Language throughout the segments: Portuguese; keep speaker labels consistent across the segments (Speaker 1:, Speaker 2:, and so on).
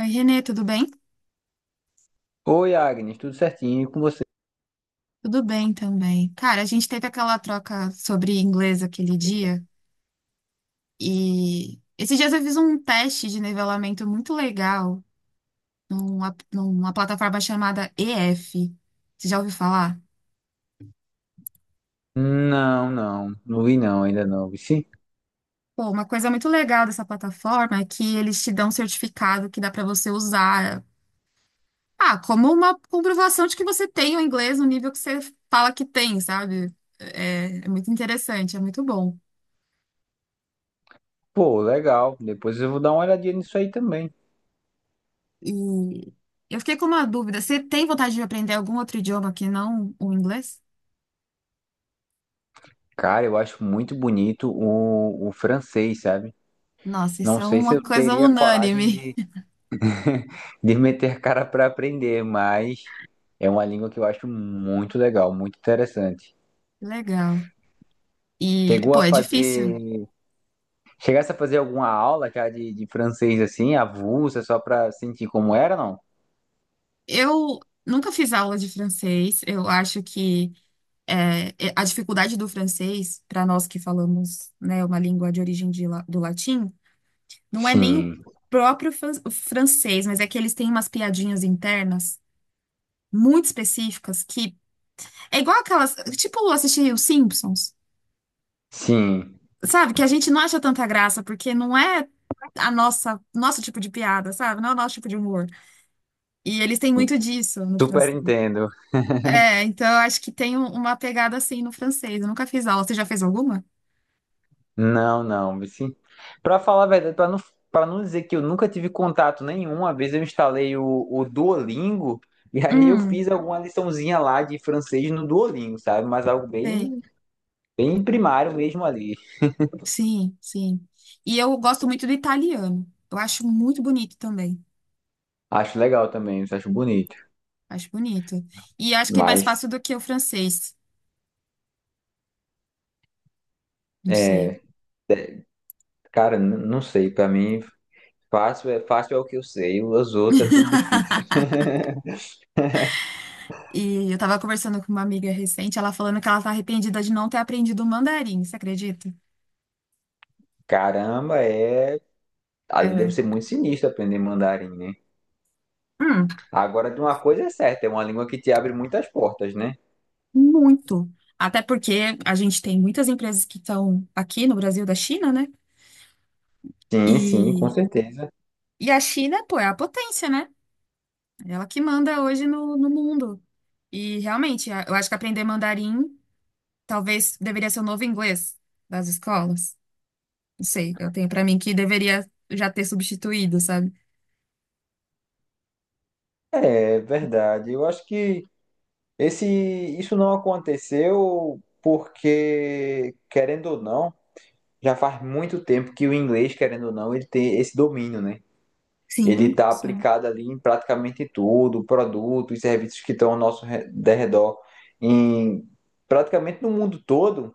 Speaker 1: Oi, Renê, tudo bem?
Speaker 2: Oi, Agnes, tudo certinho e com você?
Speaker 1: Tudo bem também. Cara, a gente teve aquela troca sobre inglês aquele dia e esses dias eu fiz um teste de nivelamento muito legal numa plataforma chamada EF. Você já ouviu falar?
Speaker 2: Não, não, não vi não, ainda não, vi sim.
Speaker 1: Pô, uma coisa muito legal dessa plataforma é que eles te dão um certificado que dá pra você usar, ah, como uma comprovação de que você tem o inglês no nível que você fala que tem, sabe? É muito interessante, é muito bom.
Speaker 2: Pô, legal, depois eu vou dar uma olhadinha nisso aí também.
Speaker 1: E eu fiquei com uma dúvida. Você tem vontade de aprender algum outro idioma que não o inglês?
Speaker 2: Cara, eu acho muito bonito o francês, sabe?
Speaker 1: Nossa, isso
Speaker 2: Não
Speaker 1: é
Speaker 2: sei se
Speaker 1: uma
Speaker 2: eu
Speaker 1: coisa
Speaker 2: teria coragem
Speaker 1: unânime.
Speaker 2: de meter cara pra aprender, mas é uma língua que eu acho muito legal, muito interessante.
Speaker 1: Que legal. E,
Speaker 2: Chegou
Speaker 1: pô,
Speaker 2: a
Speaker 1: é difícil.
Speaker 2: fazer, chegasse a fazer alguma aula já de francês assim, avulsa, só pra sentir como era, não?
Speaker 1: Eu nunca fiz aula de francês. Eu acho que a dificuldade do francês, para nós que falamos, né, uma língua de origem do latim, não é nem o
Speaker 2: Sim,
Speaker 1: próprio o francês, mas é que eles têm umas piadinhas internas muito específicas que é igual aquelas, tipo, assistir os Simpsons.
Speaker 2: sim,
Speaker 1: Sabe, que a gente não acha tanta graça, porque não é nosso tipo de piada, sabe? Não é o nosso tipo de humor. E eles têm muito disso no
Speaker 2: super
Speaker 1: francês.
Speaker 2: entendo.
Speaker 1: É, então eu acho que tem uma pegada assim no francês. Eu nunca fiz aula. Você já fez alguma?
Speaker 2: Não, não, Vici. Pra falar a verdade, pra não, para não dizer que eu nunca tive contato nenhum, uma vez eu instalei o Duolingo e aí eu
Speaker 1: Hum,
Speaker 2: fiz alguma liçãozinha lá de francês no Duolingo, sabe? Mas algo
Speaker 1: sei.
Speaker 2: bem, bem primário mesmo ali.
Speaker 1: Sim, sim. E eu gosto muito do italiano. Eu acho muito bonito também.
Speaker 2: Acho legal também, acho bonito.
Speaker 1: Acho bonito. E acho que é mais
Speaker 2: Mas,
Speaker 1: fácil do que o francês. Não sei.
Speaker 2: é, cara, não sei, pra mim fácil é o que eu sei, os outros é tudo difícil.
Speaker 1: E eu tava conversando com uma amiga recente, ela falando que ela tá arrependida de não ter aprendido o mandarim, você acredita?
Speaker 2: Caramba, é, ali deve
Speaker 1: É.
Speaker 2: ser muito sinistro aprender mandarim, né?
Speaker 1: Hum,
Speaker 2: Agora, de uma coisa é certa, é uma língua que te abre muitas portas, né?
Speaker 1: Muito. Até porque a gente tem muitas empresas que estão aqui no Brasil da China, né?
Speaker 2: Sim, sim, com
Speaker 1: E,
Speaker 2: certeza.
Speaker 1: e a China, pô, é a potência, né? É ela que manda hoje no mundo. E realmente, eu acho que aprender mandarim talvez deveria ser o novo inglês das escolas. Não sei, eu tenho pra mim que deveria já ter substituído, sabe?
Speaker 2: É verdade. Eu acho que esse, isso não aconteceu porque, querendo ou não, já faz muito tempo que o inglês, querendo ou não, ele tem esse domínio, né? Ele
Speaker 1: Sim,
Speaker 2: está
Speaker 1: sim.
Speaker 2: aplicado ali em praticamente tudo, produtos, e serviços que estão ao nosso derredor, em praticamente no mundo todo,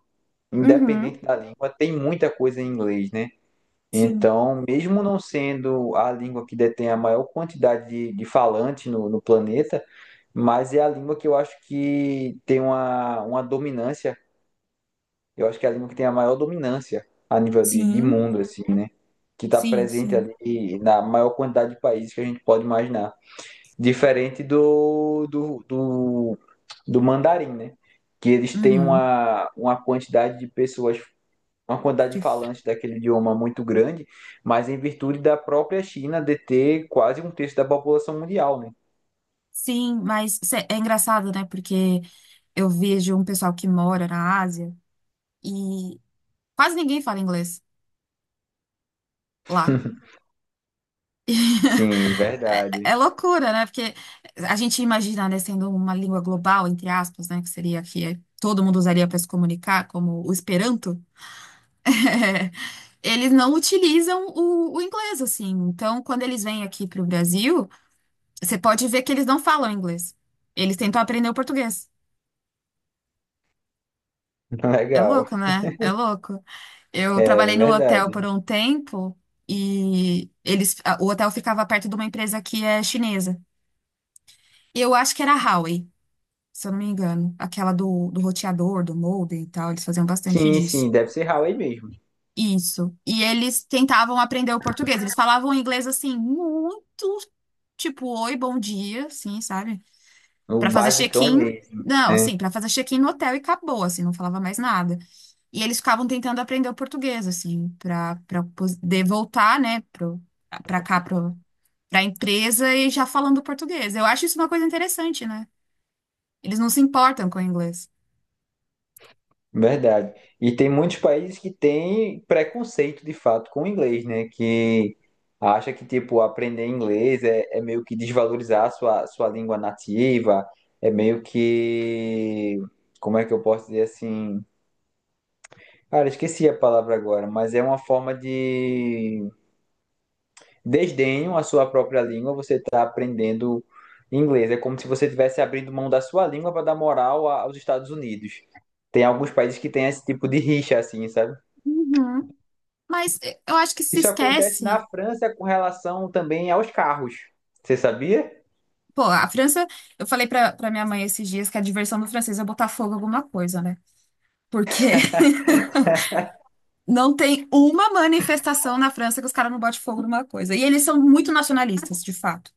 Speaker 2: independente
Speaker 1: Uhum,
Speaker 2: da língua, tem muita coisa em inglês, né?
Speaker 1: sim,
Speaker 2: Então, mesmo não sendo a língua que detém a maior quantidade de falantes no planeta, mas é a língua que eu acho que tem uma dominância. Eu acho que é a língua que tem a maior dominância a nível de
Speaker 1: sim,
Speaker 2: mundo, assim, né? Que está
Speaker 1: sim,
Speaker 2: presente
Speaker 1: sim.
Speaker 2: ali na maior quantidade de países que a gente pode imaginar. Diferente do mandarim, né? Que eles têm
Speaker 1: Uhum.
Speaker 2: uma quantidade de pessoas, uma quantidade de
Speaker 1: Que
Speaker 2: falantes daquele idioma muito grande, mas em virtude da própria China deter quase um terço da população mundial, né?
Speaker 1: Sim, mas é engraçado, né? Porque eu vejo um pessoal que mora na Ásia e quase ninguém fala inglês lá.
Speaker 2: Sim,
Speaker 1: É,
Speaker 2: verdade.
Speaker 1: é loucura, né? Porque a gente imagina, né, sendo uma língua global, entre aspas, né? Que seria que é, todo mundo usaria para se comunicar, como o Esperanto. Eles não utilizam o inglês, assim. Então, quando eles vêm aqui para o Brasil, você pode ver que eles não falam inglês. Eles tentam aprender o português. É
Speaker 2: Legal.
Speaker 1: louco, né? É louco. Eu
Speaker 2: É
Speaker 1: trabalhei no hotel por
Speaker 2: verdade.
Speaker 1: um tempo e o hotel ficava perto de uma empresa que é chinesa. E eu acho que era a Huawei, se eu não me engano. Aquela do roteador, do modem e tal. Eles faziam bastante
Speaker 2: Sim,
Speaker 1: disso.
Speaker 2: sim, deve ser Huawei mesmo.
Speaker 1: Isso. E eles tentavam aprender o português. Eles falavam inglês assim, muito tipo, oi, bom dia, assim, sabe?
Speaker 2: O
Speaker 1: Pra fazer
Speaker 2: basicão
Speaker 1: check-in,
Speaker 2: mesmo,
Speaker 1: não,
Speaker 2: né?
Speaker 1: assim, pra fazer check-in no hotel e acabou, assim, não falava mais nada. E eles ficavam tentando aprender o português, assim, pra para poder voltar, né, pra cá, pra empresa e já falando português. Eu acho isso uma coisa interessante, né? Eles não se importam com o inglês.
Speaker 2: Verdade. E tem muitos países que têm preconceito de fato com o inglês, né? Que acha que, tipo, aprender inglês é, é meio que desvalorizar a sua, sua língua nativa, é meio que. Como é que eu posso dizer assim? Cara, esqueci a palavra agora, mas é uma forma de desdenho à sua própria língua. Você está aprendendo inglês. É como se você estivesse abrindo mão da sua língua para dar moral aos Estados Unidos. Tem alguns países que têm esse tipo de rixa, assim, sabe?
Speaker 1: Uhum. Mas eu acho que se
Speaker 2: Isso acontece na
Speaker 1: esquece.
Speaker 2: França com relação também aos carros. Você sabia?
Speaker 1: Pô, a França, eu falei pra minha mãe esses dias que a diversão do francês é botar fogo em alguma coisa, né? Porque não tem uma manifestação na França que os caras não botem fogo numa coisa. E eles são muito nacionalistas, de fato.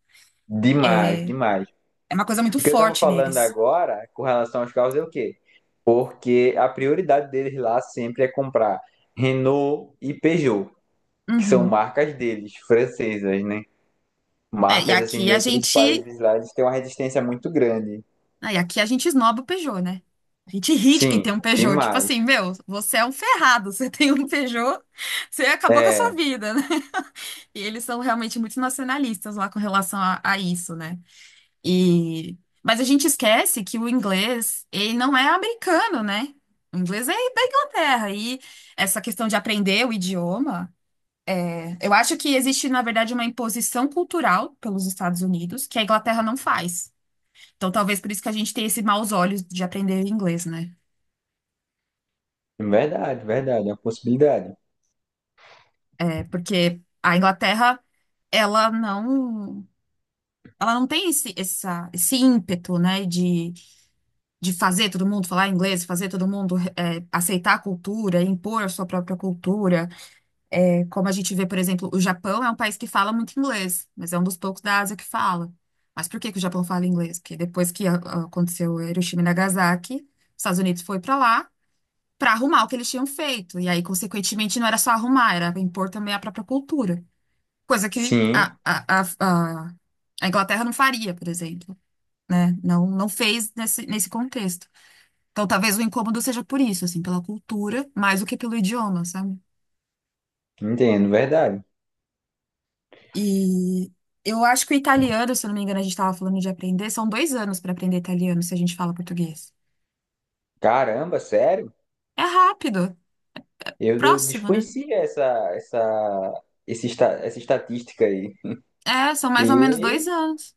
Speaker 2: Demais,
Speaker 1: É,
Speaker 2: demais.
Speaker 1: é uma coisa muito
Speaker 2: O que eu estava
Speaker 1: forte
Speaker 2: falando
Speaker 1: neles.
Speaker 2: agora com relação aos carros é o quê? Porque a prioridade deles lá sempre é comprar Renault e Peugeot, que são
Speaker 1: Uhum.
Speaker 2: marcas deles, francesas, né?
Speaker 1: É.
Speaker 2: Marcas assim de outros países lá, eles têm uma resistência muito grande.
Speaker 1: E aqui a gente esnoba o Peugeot, né? A gente ri de quem
Speaker 2: Sim,
Speaker 1: tem um Peugeot. Tipo
Speaker 2: demais.
Speaker 1: assim, meu, você é um ferrado. Você tem um Peugeot, você acabou com a sua
Speaker 2: É,
Speaker 1: vida, né? E eles são realmente muito nacionalistas lá com relação a isso, né? E... Mas a gente esquece que o inglês, ele não é americano, né? O inglês é da Inglaterra. E essa questão de aprender o idioma, eu acho que existe, na verdade, uma imposição cultural pelos Estados Unidos que a Inglaterra não faz. Então, talvez por isso que a gente tem esse maus olhos de aprender inglês, né?
Speaker 2: verdade, verdade, é uma possibilidade.
Speaker 1: É porque a Inglaterra, ela não, ela não tem esse ímpeto, né? De fazer todo mundo falar inglês, fazer todo mundo aceitar a cultura, impor a sua própria cultura. É, como a gente vê, por exemplo, o Japão é um país que fala muito inglês, mas é um dos poucos da Ásia que fala. Mas por que que o Japão fala inglês? Porque depois que aconteceu Hiroshima e Nagasaki, os Estados Unidos foi para lá para arrumar o que eles tinham feito. E aí, consequentemente, não era só arrumar, era impor também a própria cultura. Coisa que
Speaker 2: Sim,
Speaker 1: a, a a Inglaterra não faria, por exemplo, né? Não, não fez nesse contexto. Então, talvez o incômodo seja por isso, assim, pela cultura, mais do que pelo idioma, sabe?
Speaker 2: entendo, verdade.
Speaker 1: E eu acho que o italiano, se eu não me engano, a gente estava falando de aprender, são 2 anos para aprender italiano se a gente fala português.
Speaker 2: Caramba, sério?
Speaker 1: É rápido,
Speaker 2: Eu
Speaker 1: próximo, né?
Speaker 2: desconhecia essa estatística aí.
Speaker 1: É, são mais ou menos dois
Speaker 2: E,
Speaker 1: anos.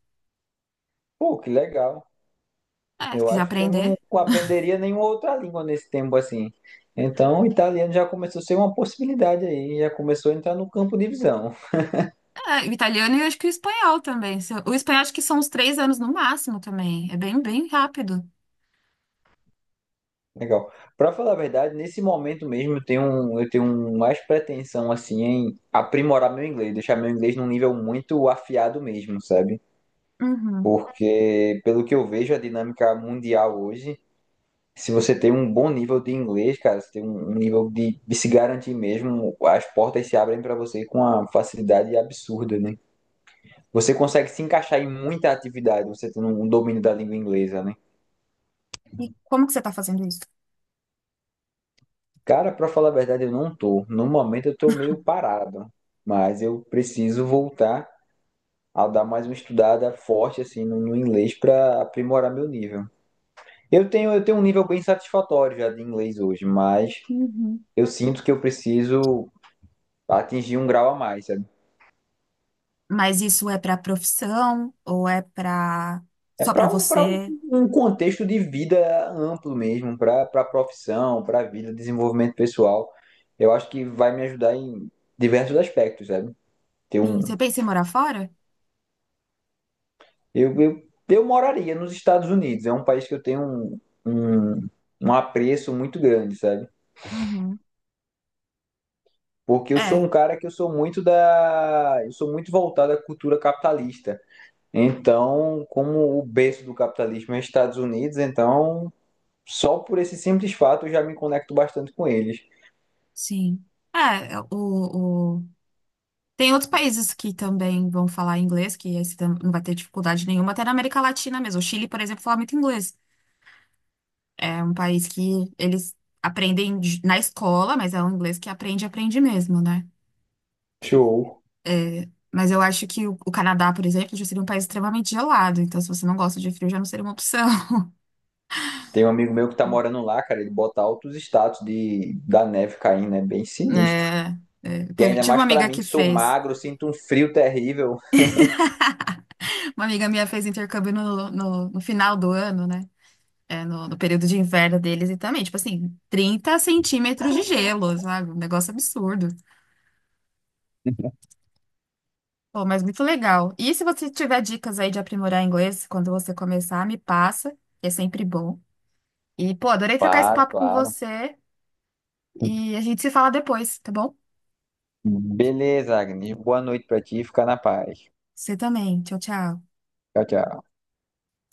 Speaker 2: pô, que legal.
Speaker 1: É, se
Speaker 2: Eu
Speaker 1: quiser
Speaker 2: acho que eu
Speaker 1: aprender.
Speaker 2: não aprenderia nenhuma outra língua nesse tempo assim. Então, o italiano já começou a ser uma possibilidade aí, já começou a entrar no campo de visão.
Speaker 1: É, o italiano e eu acho que o espanhol também. O espanhol acho que são uns 3 anos no máximo também. É bem, bem rápido.
Speaker 2: Legal. Pra falar a verdade, nesse momento mesmo eu tenho mais pretensão assim em aprimorar meu inglês, deixar meu inglês num nível muito afiado mesmo, sabe?
Speaker 1: Uhum.
Speaker 2: Porque pelo que eu vejo a dinâmica mundial hoje, se você tem um bom nível de inglês, cara, você tem um nível de se garantir mesmo, as portas se abrem pra você com uma facilidade absurda, né? Você consegue se encaixar em muita atividade, você tendo um domínio da língua inglesa, né?
Speaker 1: E como que você está fazendo isso?
Speaker 2: Cara, pra falar a verdade, eu não tô. No momento eu tô meio parado, mas eu preciso voltar a dar mais uma estudada forte assim no inglês pra aprimorar meu nível. Eu tenho um nível bem satisfatório já de inglês hoje, mas
Speaker 1: Uhum.
Speaker 2: eu sinto que eu preciso atingir um grau a mais, sabe?
Speaker 1: Mas isso é para profissão ou é para
Speaker 2: É
Speaker 1: só para
Speaker 2: pra um para um,
Speaker 1: você?
Speaker 2: um contexto de vida amplo mesmo, pra para profissão, pra vida, desenvolvimento pessoal. Eu acho que vai me ajudar em diversos aspectos, sabe? Ter
Speaker 1: Sim,
Speaker 2: um.
Speaker 1: você pensa em morar fora?
Speaker 2: Eu moraria nos Estados Unidos. É um país que eu tenho um, um apreço muito grande, sabe?
Speaker 1: Uhum.
Speaker 2: Porque eu sou
Speaker 1: É,
Speaker 2: um cara que eu sou muito da. Eu sou muito voltado à cultura capitalista. Então, como o berço do capitalismo é Estados Unidos, então só por esse simples fato eu já me conecto bastante com eles.
Speaker 1: sim. É, é, o, o... Tem outros países que também vão falar inglês, que aí você não vai ter dificuldade nenhuma, até na América Latina mesmo. O Chile, por exemplo, fala muito inglês. É um país que eles aprendem na escola, mas é um inglês que aprende, aprende mesmo, né?
Speaker 2: Show.
Speaker 1: Mas eu acho que o Canadá, por exemplo, já seria um país extremamente gelado, então se você não gosta de frio, já não seria uma opção.
Speaker 2: Tem um amigo meu que tá morando lá, cara, ele bota altos status de da neve caindo, é bem sinistro.
Speaker 1: É, é,
Speaker 2: E ainda
Speaker 1: tive
Speaker 2: mais pra mim que sou magro, sinto um frio terrível.
Speaker 1: uma amiga minha fez intercâmbio no final do ano, né? No período de inverno deles e também, tipo assim, 30 centímetros de gelo, sabe? Um negócio absurdo. Pô, mas muito legal. E se você tiver dicas aí de aprimorar inglês quando você começar, me passa, que é sempre bom. E, pô, adorei trocar esse
Speaker 2: Claro,
Speaker 1: papo com
Speaker 2: claro.
Speaker 1: você e a gente se fala depois, tá bom?
Speaker 2: Beleza, Agnes. Boa noite pra ti. Fica na paz.
Speaker 1: Você também. Tchau, tchau.
Speaker 2: Tchau, tchau.